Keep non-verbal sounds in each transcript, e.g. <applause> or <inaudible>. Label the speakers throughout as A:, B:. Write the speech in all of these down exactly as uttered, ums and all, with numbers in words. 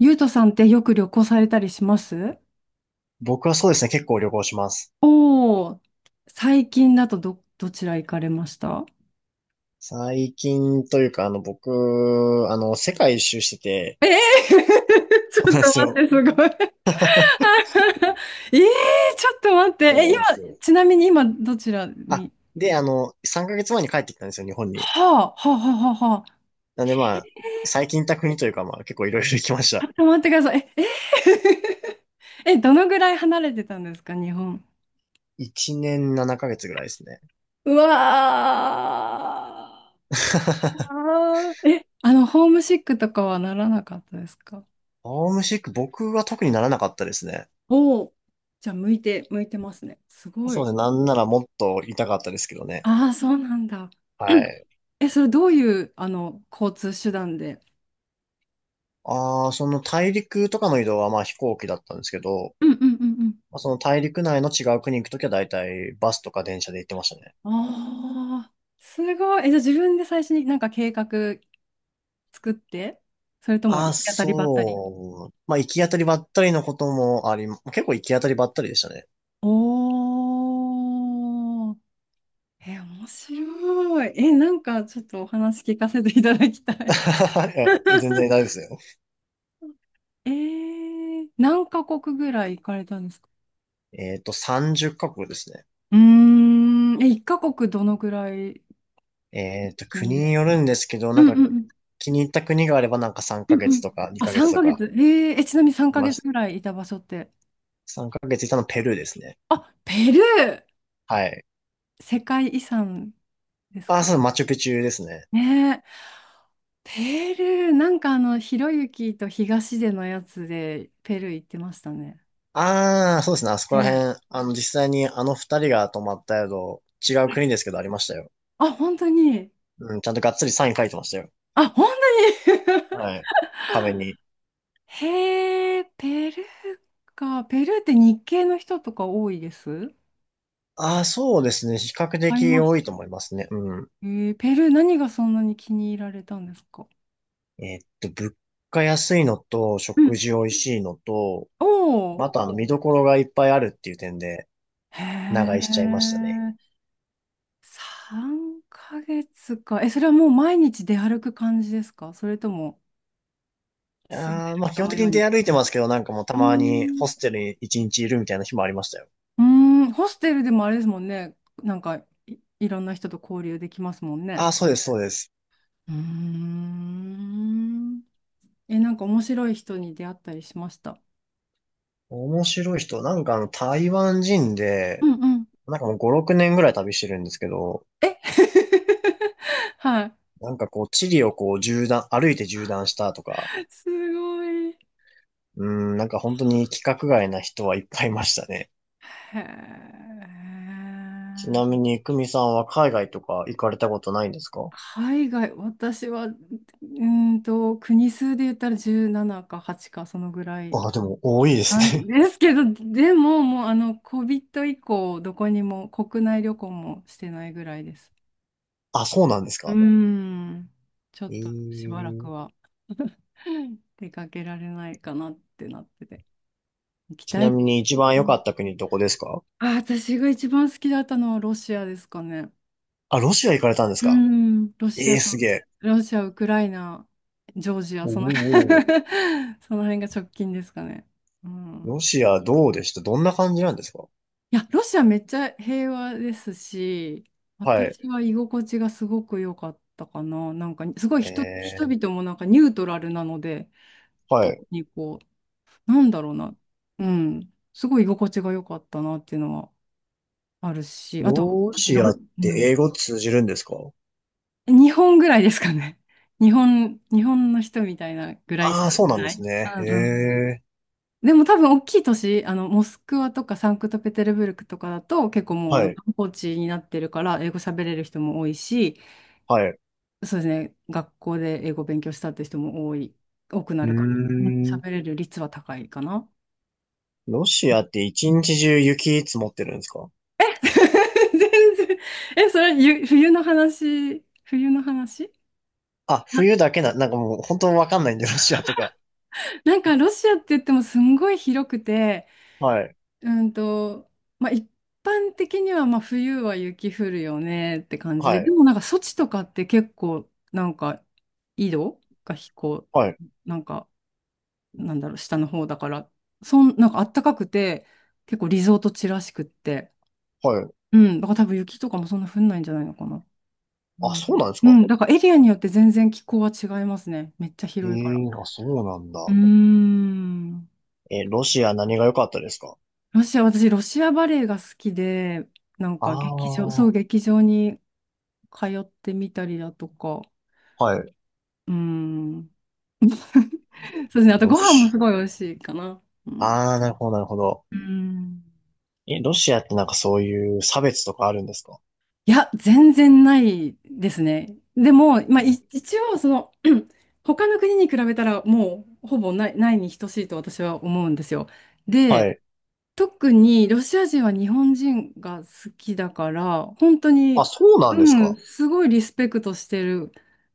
A: ゆうとさんってよく旅行されたりします？
B: 僕はそうですね、結構旅行します。
A: おー、最近だとど、どちら行かれました？
B: 最近というか、あの、僕、あの、世界一周してて、
A: ええー。 <laughs> ち
B: そう
A: ょっ
B: なんで
A: と
B: す
A: 待っ
B: よ。
A: て、すごい。 <laughs> ええー、ちょっと待って。
B: そう
A: え、
B: な
A: 今、
B: んですよ。
A: ちなみに今、どちら
B: あ、
A: に？
B: で、あの、さんかげつまえに帰ってきたんですよ、日本に。
A: はあ、はあ、はあ、はあ、はあ。
B: なんでまあ、最近行った国というか、まあ、結構いろいろ行きまし
A: ち
B: た。
A: ょっと待ってください。え、え <laughs> えどのぐらい離れてたんですか、日本。
B: いちねんななかげつぐらいですね。
A: うわー。
B: <laughs>
A: あーえ、あの、ホームシックとかはならなかったですか？
B: ホームシック、僕は特にならなかったですね。
A: おお、じゃあ向いて、向いてますね。すご
B: そう
A: い。
B: ですね、なんならもっと痛かったですけどね。
A: ああ、そうなんだ。
B: はい。
A: <clears throat> え、それどういう、あの、交通手段で？
B: ああ、その大陸とかの移動はまあ飛行機だったんですけど、
A: うんうんうん
B: まあその大陸内の違う国行くときは大体バスとか電車で行ってましたね。
A: うん。ああ、すごい。え、じゃあ自分で最初になんか計画作って、それとも行
B: あ、
A: き当たりばったり？
B: そう。まあ、行き当たりばったりのこともあり、結構行き当たりばったりでしたね。
A: おー。え、面白い。え、なんかちょっとお話聞かせていただきたい。
B: <laughs> いや全然大
A: <laughs>
B: 丈夫ですよ。
A: えー、何カ国ぐらい行かれたんですか？
B: えっと、さんじゅっかこくカ国ですね。
A: うーん、え、いっかこくカ国どのぐらい
B: えっと、
A: 近
B: 国に
A: で。
B: よるんですけど、
A: う
B: なん
A: ん
B: か
A: うんうん。
B: 気に入った国があればなんか3
A: うん
B: ヶ
A: う
B: 月
A: ん。
B: とか
A: あ、
B: にかげつ
A: 3
B: と
A: ヶ
B: か
A: 月。えー、え、ちなみに3
B: いま
A: ヶ月
B: した。
A: ぐらいいた場所って。
B: さんかげついたのペルーですね。
A: あ、ペルー
B: はい。
A: 世界遺産です
B: あ、
A: か？
B: そう、マチュピチュですね。
A: ねえ。ペルー、なんかあの、ひろゆきと東出のやつでペルー行ってましたね。
B: ああ、そうですね。あそこら
A: ねえ。
B: 辺、あの、実際にあの二人が泊まった宿、違う国ですけどありましたよ。
A: あ、本当に？
B: うん、ちゃんとがっつりサイン書いてましたよ。
A: あ、本当に。
B: はい。壁に。
A: <laughs> へえ、ペルーか。ペルーって日系の人とか多いです？
B: ああ、そうですね。比較
A: 会い
B: 的
A: まし
B: 多
A: た。
B: いと思いますね。うん。
A: えー、ペルー何がそんなに気に入られたんですか？
B: えーっと、物価安いのと、
A: う
B: 食
A: ん。
B: 事美味しいのと、
A: おお。
B: またあの、見どころがいっぱいあるっていう点で、
A: へ
B: 長居しちゃいましたね。
A: え、さんかげつか。え、それはもう毎日出歩く感じですか、それとも？住んで
B: ああ、
A: る
B: まあ基
A: 人
B: 本
A: の
B: 的
A: よう
B: に
A: に。
B: 出歩いてますけど、なんかもうた
A: うー
B: まに
A: ん、
B: ホステルに一日いるみたいな日もありましたよ。
A: うーん。ホステルでもあれですもんね。なんかい、いろんな人と交流できますもんね。
B: ああ、そうです、そうです。
A: うーん。え、なんか面白い人に出会ったりしました？
B: 面白い人、なんかあの、台湾人
A: う
B: で、
A: んうん。
B: なんかもうご、ろくねんぐらい旅してるんですけど、
A: え <laughs> はい。
B: なんかこう、地理をこう、縦断、歩いて縦断したとか、
A: すごい。
B: うーん、なんか本当に規格外な人はいっぱいいましたね。
A: へ
B: ちなみ
A: え。
B: に、久美さんは海外とか行かれたことないんですか？
A: 海外、私は、うーんと、国数で言ったらじゅうななかはちか、そのぐらい
B: ああ、でも多いです
A: なんで
B: ね。
A: すけど、でも、もう、あの、コビット以降、どこにも、国内旅行もしてないぐらいです。
B: <laughs> あ、そうなんです
A: うー
B: か。
A: ん、ちょ
B: え
A: っとしばら
B: ー、
A: くはうん出かけられないかなってなってて、行き
B: ち
A: た
B: な
A: いで
B: み
A: す。
B: に一番
A: う
B: 良か
A: ん。
B: った国どこですか？
A: あ、私が一番好きだったのはロシアですかね。
B: あ、ロシア行かれたんです
A: う
B: か？
A: ん、ロシ
B: ええ
A: ア
B: ー、
A: と、
B: すげえ。
A: ロシア、ウクライナ、ジョージア、
B: お
A: その。
B: お。
A: <laughs> その辺が直近ですかね。う
B: ロ
A: ん。
B: シアどうでした？どんな感じなんですか？
A: いや、ロシアめっちゃ平和ですし、
B: はい。
A: 私は居心地がすごく良かったかな。なんか、すごい人、人
B: え
A: 々もなんかニュートラルなので、
B: ー、は
A: 特
B: い。
A: にこう、なんだろうな、うん、すごい居心地が良かったなっていうのはあるし、あと、
B: ロ
A: 私
B: シ
A: ロ、
B: アっ
A: う
B: て英
A: ん、
B: 語通じるんですか？
A: 日本ぐらいですかね。<laughs> 日本、日本の人みたいなぐらい
B: あ
A: し
B: あー、
A: か
B: そうなんで
A: な
B: す
A: い。
B: ね。
A: うん
B: へ
A: うん。
B: え。
A: でも多分大きい都市、あの、モスクワとかサンクトペテルブルクとかだと結構もうあ
B: は
A: の
B: い。
A: 観光地になってるから英語喋れる人も多いし、
B: はい。う
A: そうですね、学校で英語勉強したって人も多い、多くな
B: ー
A: るから、うん
B: ん。
A: 喋れる率は高いかな。
B: ロシアって一日中雪積もってるんですか？
A: <laughs> 全然。え、それ、ゆ冬の話、冬の話？
B: あ、冬だけな、なんかもう本当わかんないんで、ロシアとか。
A: なんかロシアって言ってもすんごい広くて、
B: はい。
A: うんと、まあ、一般的にはまあ冬は雪降るよねって感じ
B: は
A: で、で
B: い。
A: もなんか措置とかって結構なんか緯度が飛行、
B: はい。
A: なんかなんだろう、下の方だから、そん、なんか暖かくて、結構リゾート地らしくって、
B: はい。
A: うん、だから多分雪とかもそんな降んないんじゃないのかな。う
B: あ、
A: ん、
B: そうなんです
A: う
B: か？
A: ん、だからエリアによって全然気候は違いますね。めっちゃ
B: え
A: 広いから。
B: えー、あ、そうなん
A: うー
B: だ。
A: ん。
B: え、ロシア何が良かったですか？
A: ロシア、私、ロシアバレエが好きで、なん
B: あ
A: か劇場、
B: あ
A: そ
B: ー、
A: う、劇場に通ってみたりだとか、
B: はい。
A: うん。<laughs> そうですね。あと
B: ロ
A: ご飯も
B: シ
A: すごい美味しいかな。う
B: ア。
A: ん。
B: ああ、なるほど、なるほど。
A: うん。
B: え、ロシアってなんかそういう差別とかあるんですか？
A: いや、全然ないですね。でも、まあ、い一応、その、<clears throat> 他の国に比べたら、もう、ほぼない、ないに等しいと私は思うんですよ。
B: は
A: で、
B: い。
A: 特にロシア人は日本人が好きだから、本当
B: あ、
A: に、
B: そうなんです
A: うん、
B: か？
A: すごいリスペクトしてるん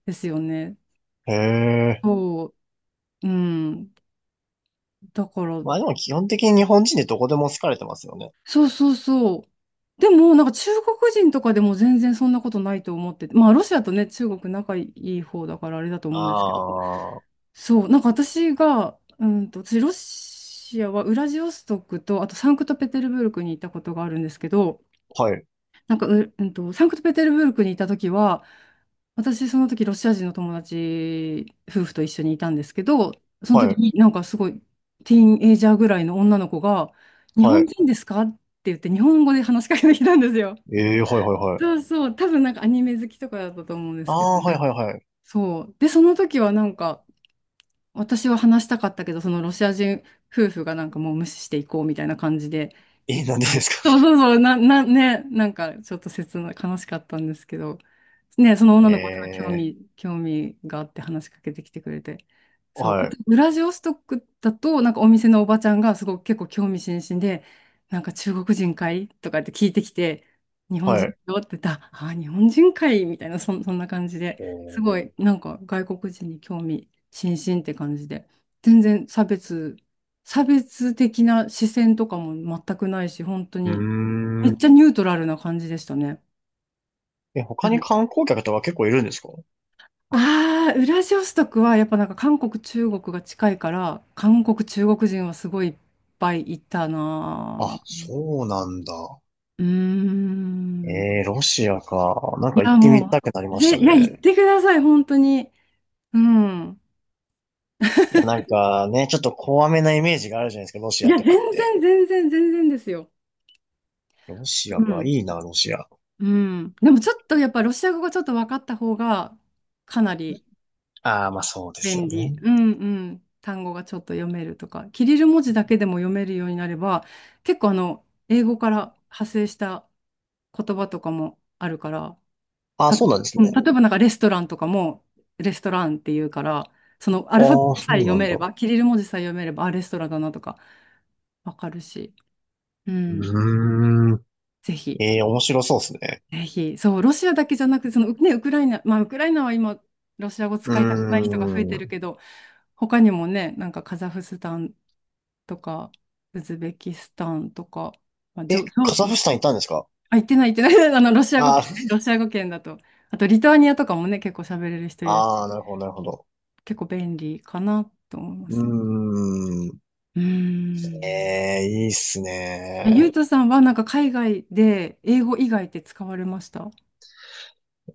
A: ですよね。
B: へえ。
A: そう、うん。だから、
B: まあでも基本的に日本人でどこでも好かれてますよね。
A: そうそうそう。でも、なんか中国人とかでも全然そんなことないと思ってて、まあロシアとね、中国仲いい方だからあれだと
B: あ
A: 思うんですけど、
B: あー、
A: そう、なんか私が、うんと、私ロシアはウラジオストクと、あとサンクトペテルブルクに行ったことがあるんですけど、
B: はい、
A: なんかう、うんと、サンクトペテルブルクに行った時は、私、その時、ロシア人の友達、夫婦と一緒にいたんですけど、その
B: は
A: 時
B: い、
A: になんかすごい、ティーンエイジャーぐらいの女の子が、日
B: は
A: 本
B: い。
A: 人ですかって言って、日本語で話しかけてきたんですよ。
B: ええー、はい、はい、はい。
A: そうそう、多分なんかアニメ好きとかだったと思うんで
B: あ
A: すけど、
B: あ、はい、はい、はい。
A: そう。で、その時はなんか、私は話したかったけど、そのロシア人夫婦がなんかもう無視していこうみたいな感じで
B: え
A: 言っ
B: ー、なん
A: た
B: でで
A: の
B: す
A: で。
B: か？
A: そうそうそう、な、な、ね、なんかちょっと切な、悲しかったんですけど、ね、その女の子が興
B: <laughs> ええ
A: 味、興味があって話しかけてきてくれて。
B: ー、
A: そう。
B: は
A: あと、
B: い、
A: ウラジオストクだと、なんかお店のおばちゃんがすごく結構興味津々で、なんか中国人かいとかって聞いてきて、日本
B: は
A: 人
B: い。
A: よって言ったら、ああ、日本人かいみたいな、そん、そんな感じで、
B: え
A: すご
B: ー、
A: い、なんか外国人に興味。新進って感じで、全然差別、差別的な視線とかも全くないし、本当
B: うー
A: に、めっ
B: ん。
A: ちゃニュートラルな感じでしたね。
B: え、
A: う
B: 他に
A: ん。
B: 観光客とか結構いるんですか？
A: ああ、ウラジオストクはやっぱなんか韓国、中国が近いから、韓国、中国人はすごいいっぱいいたな
B: あ、
A: ぁ。
B: そうなんだ。
A: うーん。い
B: ええー、ロシアか。なんか行
A: や、
B: ってみ
A: も
B: たくなり
A: う、
B: まし
A: ぜ、
B: た
A: いや、言
B: ね。
A: ってください、本当に。うん。
B: いや、なんかね、ちょっと怖めなイメージがあるじゃないですか、ロシ
A: い
B: ア
A: や、
B: と
A: 全
B: かって。
A: 然、全然、全然ですよ。
B: ロシ
A: う
B: アか、い
A: ん。
B: いな、ロシア。
A: うん。でもちょっとやっぱロシア語がちょっと分かった方がかなり
B: ああ、まあそうですよ
A: 便利。
B: ね。
A: うんうん。単語がちょっと読めるとか、キリル文字だけでも読めるようになれば、結構あの、英語から派生した言葉とかもあるから、
B: ああ、
A: 例え
B: そうなん
A: ば、
B: です
A: うん、
B: ね。
A: 例えばなんかレストランとかもレストランっていうから、そのアルファベ
B: あ
A: ッ
B: あ、そ
A: トさ
B: う
A: え読
B: なん
A: め
B: だ。
A: れば、キリル文字さえ読めれば、あ、レストランだなとか分かるし、うん、
B: うーん。
A: ぜひ。
B: ええ、面白そうですね。
A: ぜひ、そう、ロシアだけじゃなくて、その、ね、ウクライナ、まあ、ウクライナは今、ロシア語
B: うー
A: 使いたくない人が増えてる
B: ん。
A: けど、他にもね、なんかカザフスタンとか、ウズベキスタンとか、まあ、じ
B: え、
A: ょ、じ
B: カ
A: ょ、
B: ザフスタン行ったんですか？
A: あ、言ってない、言ってない、<laughs> あの、ロシア語
B: あ
A: 圏ね、
B: ー
A: ロシア語圏だと。あと、リトアニアとかもね、結構喋れる
B: <laughs>
A: 人いる
B: あ
A: し、
B: ー、なるほど、なるほど。
A: 結構便利かなと思いま
B: う
A: す。
B: ーん。
A: うーん。
B: ええ、いいっす
A: ゆ
B: ね。
A: うとさんは、なんか海外で英語以外って使われました？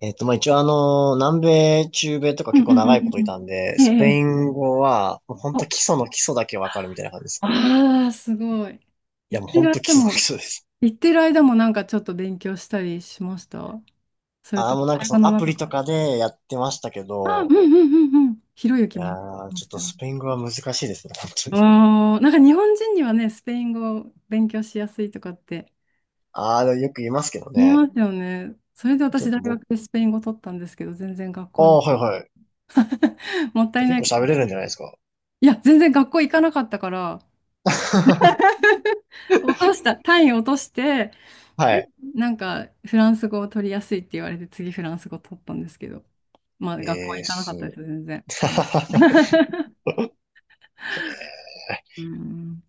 B: えっと、まあ、一応あの、南米、中米とか
A: うん
B: 結構
A: うんう
B: 長
A: んう
B: い
A: ん
B: ことい
A: う
B: たんで、
A: ん。え
B: スペ
A: え。え
B: イン語は、もうほんと基
A: え。
B: 礎の基礎だけわかるみたいな感じですね。
A: ああ、すごい。
B: い
A: 行
B: や、も
A: っ
B: う
A: て
B: ほん
A: る
B: と基
A: 間
B: 礎の基
A: も、
B: 礎です。
A: 行ってる間もなんかちょっと勉強したりしました？それ
B: あ
A: と
B: あ、もう
A: も
B: なんか
A: 会
B: そ
A: 話
B: の
A: の
B: アプ
A: 中
B: リ
A: か
B: とかでやってましたけ
A: ら？あ、うん
B: ど、
A: うんうんうん。ひろゆき
B: い
A: も
B: や
A: ね。
B: ー、
A: いま
B: ちょっ
A: した
B: と
A: よね。
B: スペイン語は難しいですね、本当に。
A: ああ、なんか日本人にはね、スペイン語を勉強しやすいとかって
B: ああ、よく言いますけど
A: 言い
B: ね。
A: ますよね。それで
B: ちょ
A: 私
B: っ
A: 大
B: と僕、
A: 学でスペイン語取ったんですけど、全然学
B: あ
A: 校
B: あ、
A: に。
B: はいはい。
A: <laughs> もったい
B: 結
A: ない。
B: 構喋れるんじゃないですか。
A: いや、全然学校行かなかったから、
B: <laughs>
A: 落とした、単位落として、
B: は
A: で、
B: い。
A: なんかフランス語を取りやすいって言われて、次フランス語取ったんですけど。まあ、学校は
B: えー、
A: 行かなか
B: す。<laughs>
A: ったで
B: へ
A: す、全然。うん。 <laughs> うん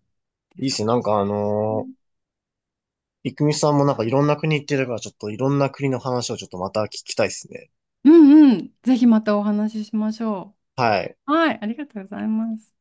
A: で
B: ーいいっ
A: す
B: す
A: か。
B: ね。なんかあのー、いくみさんもなんかいろんな国行ってるから、ちょっといろんな国の話をちょっとまた聞きたいっすね。
A: うんうん。ぜひまたお話ししましょ
B: はい。
A: う。はい、ありがとうございます。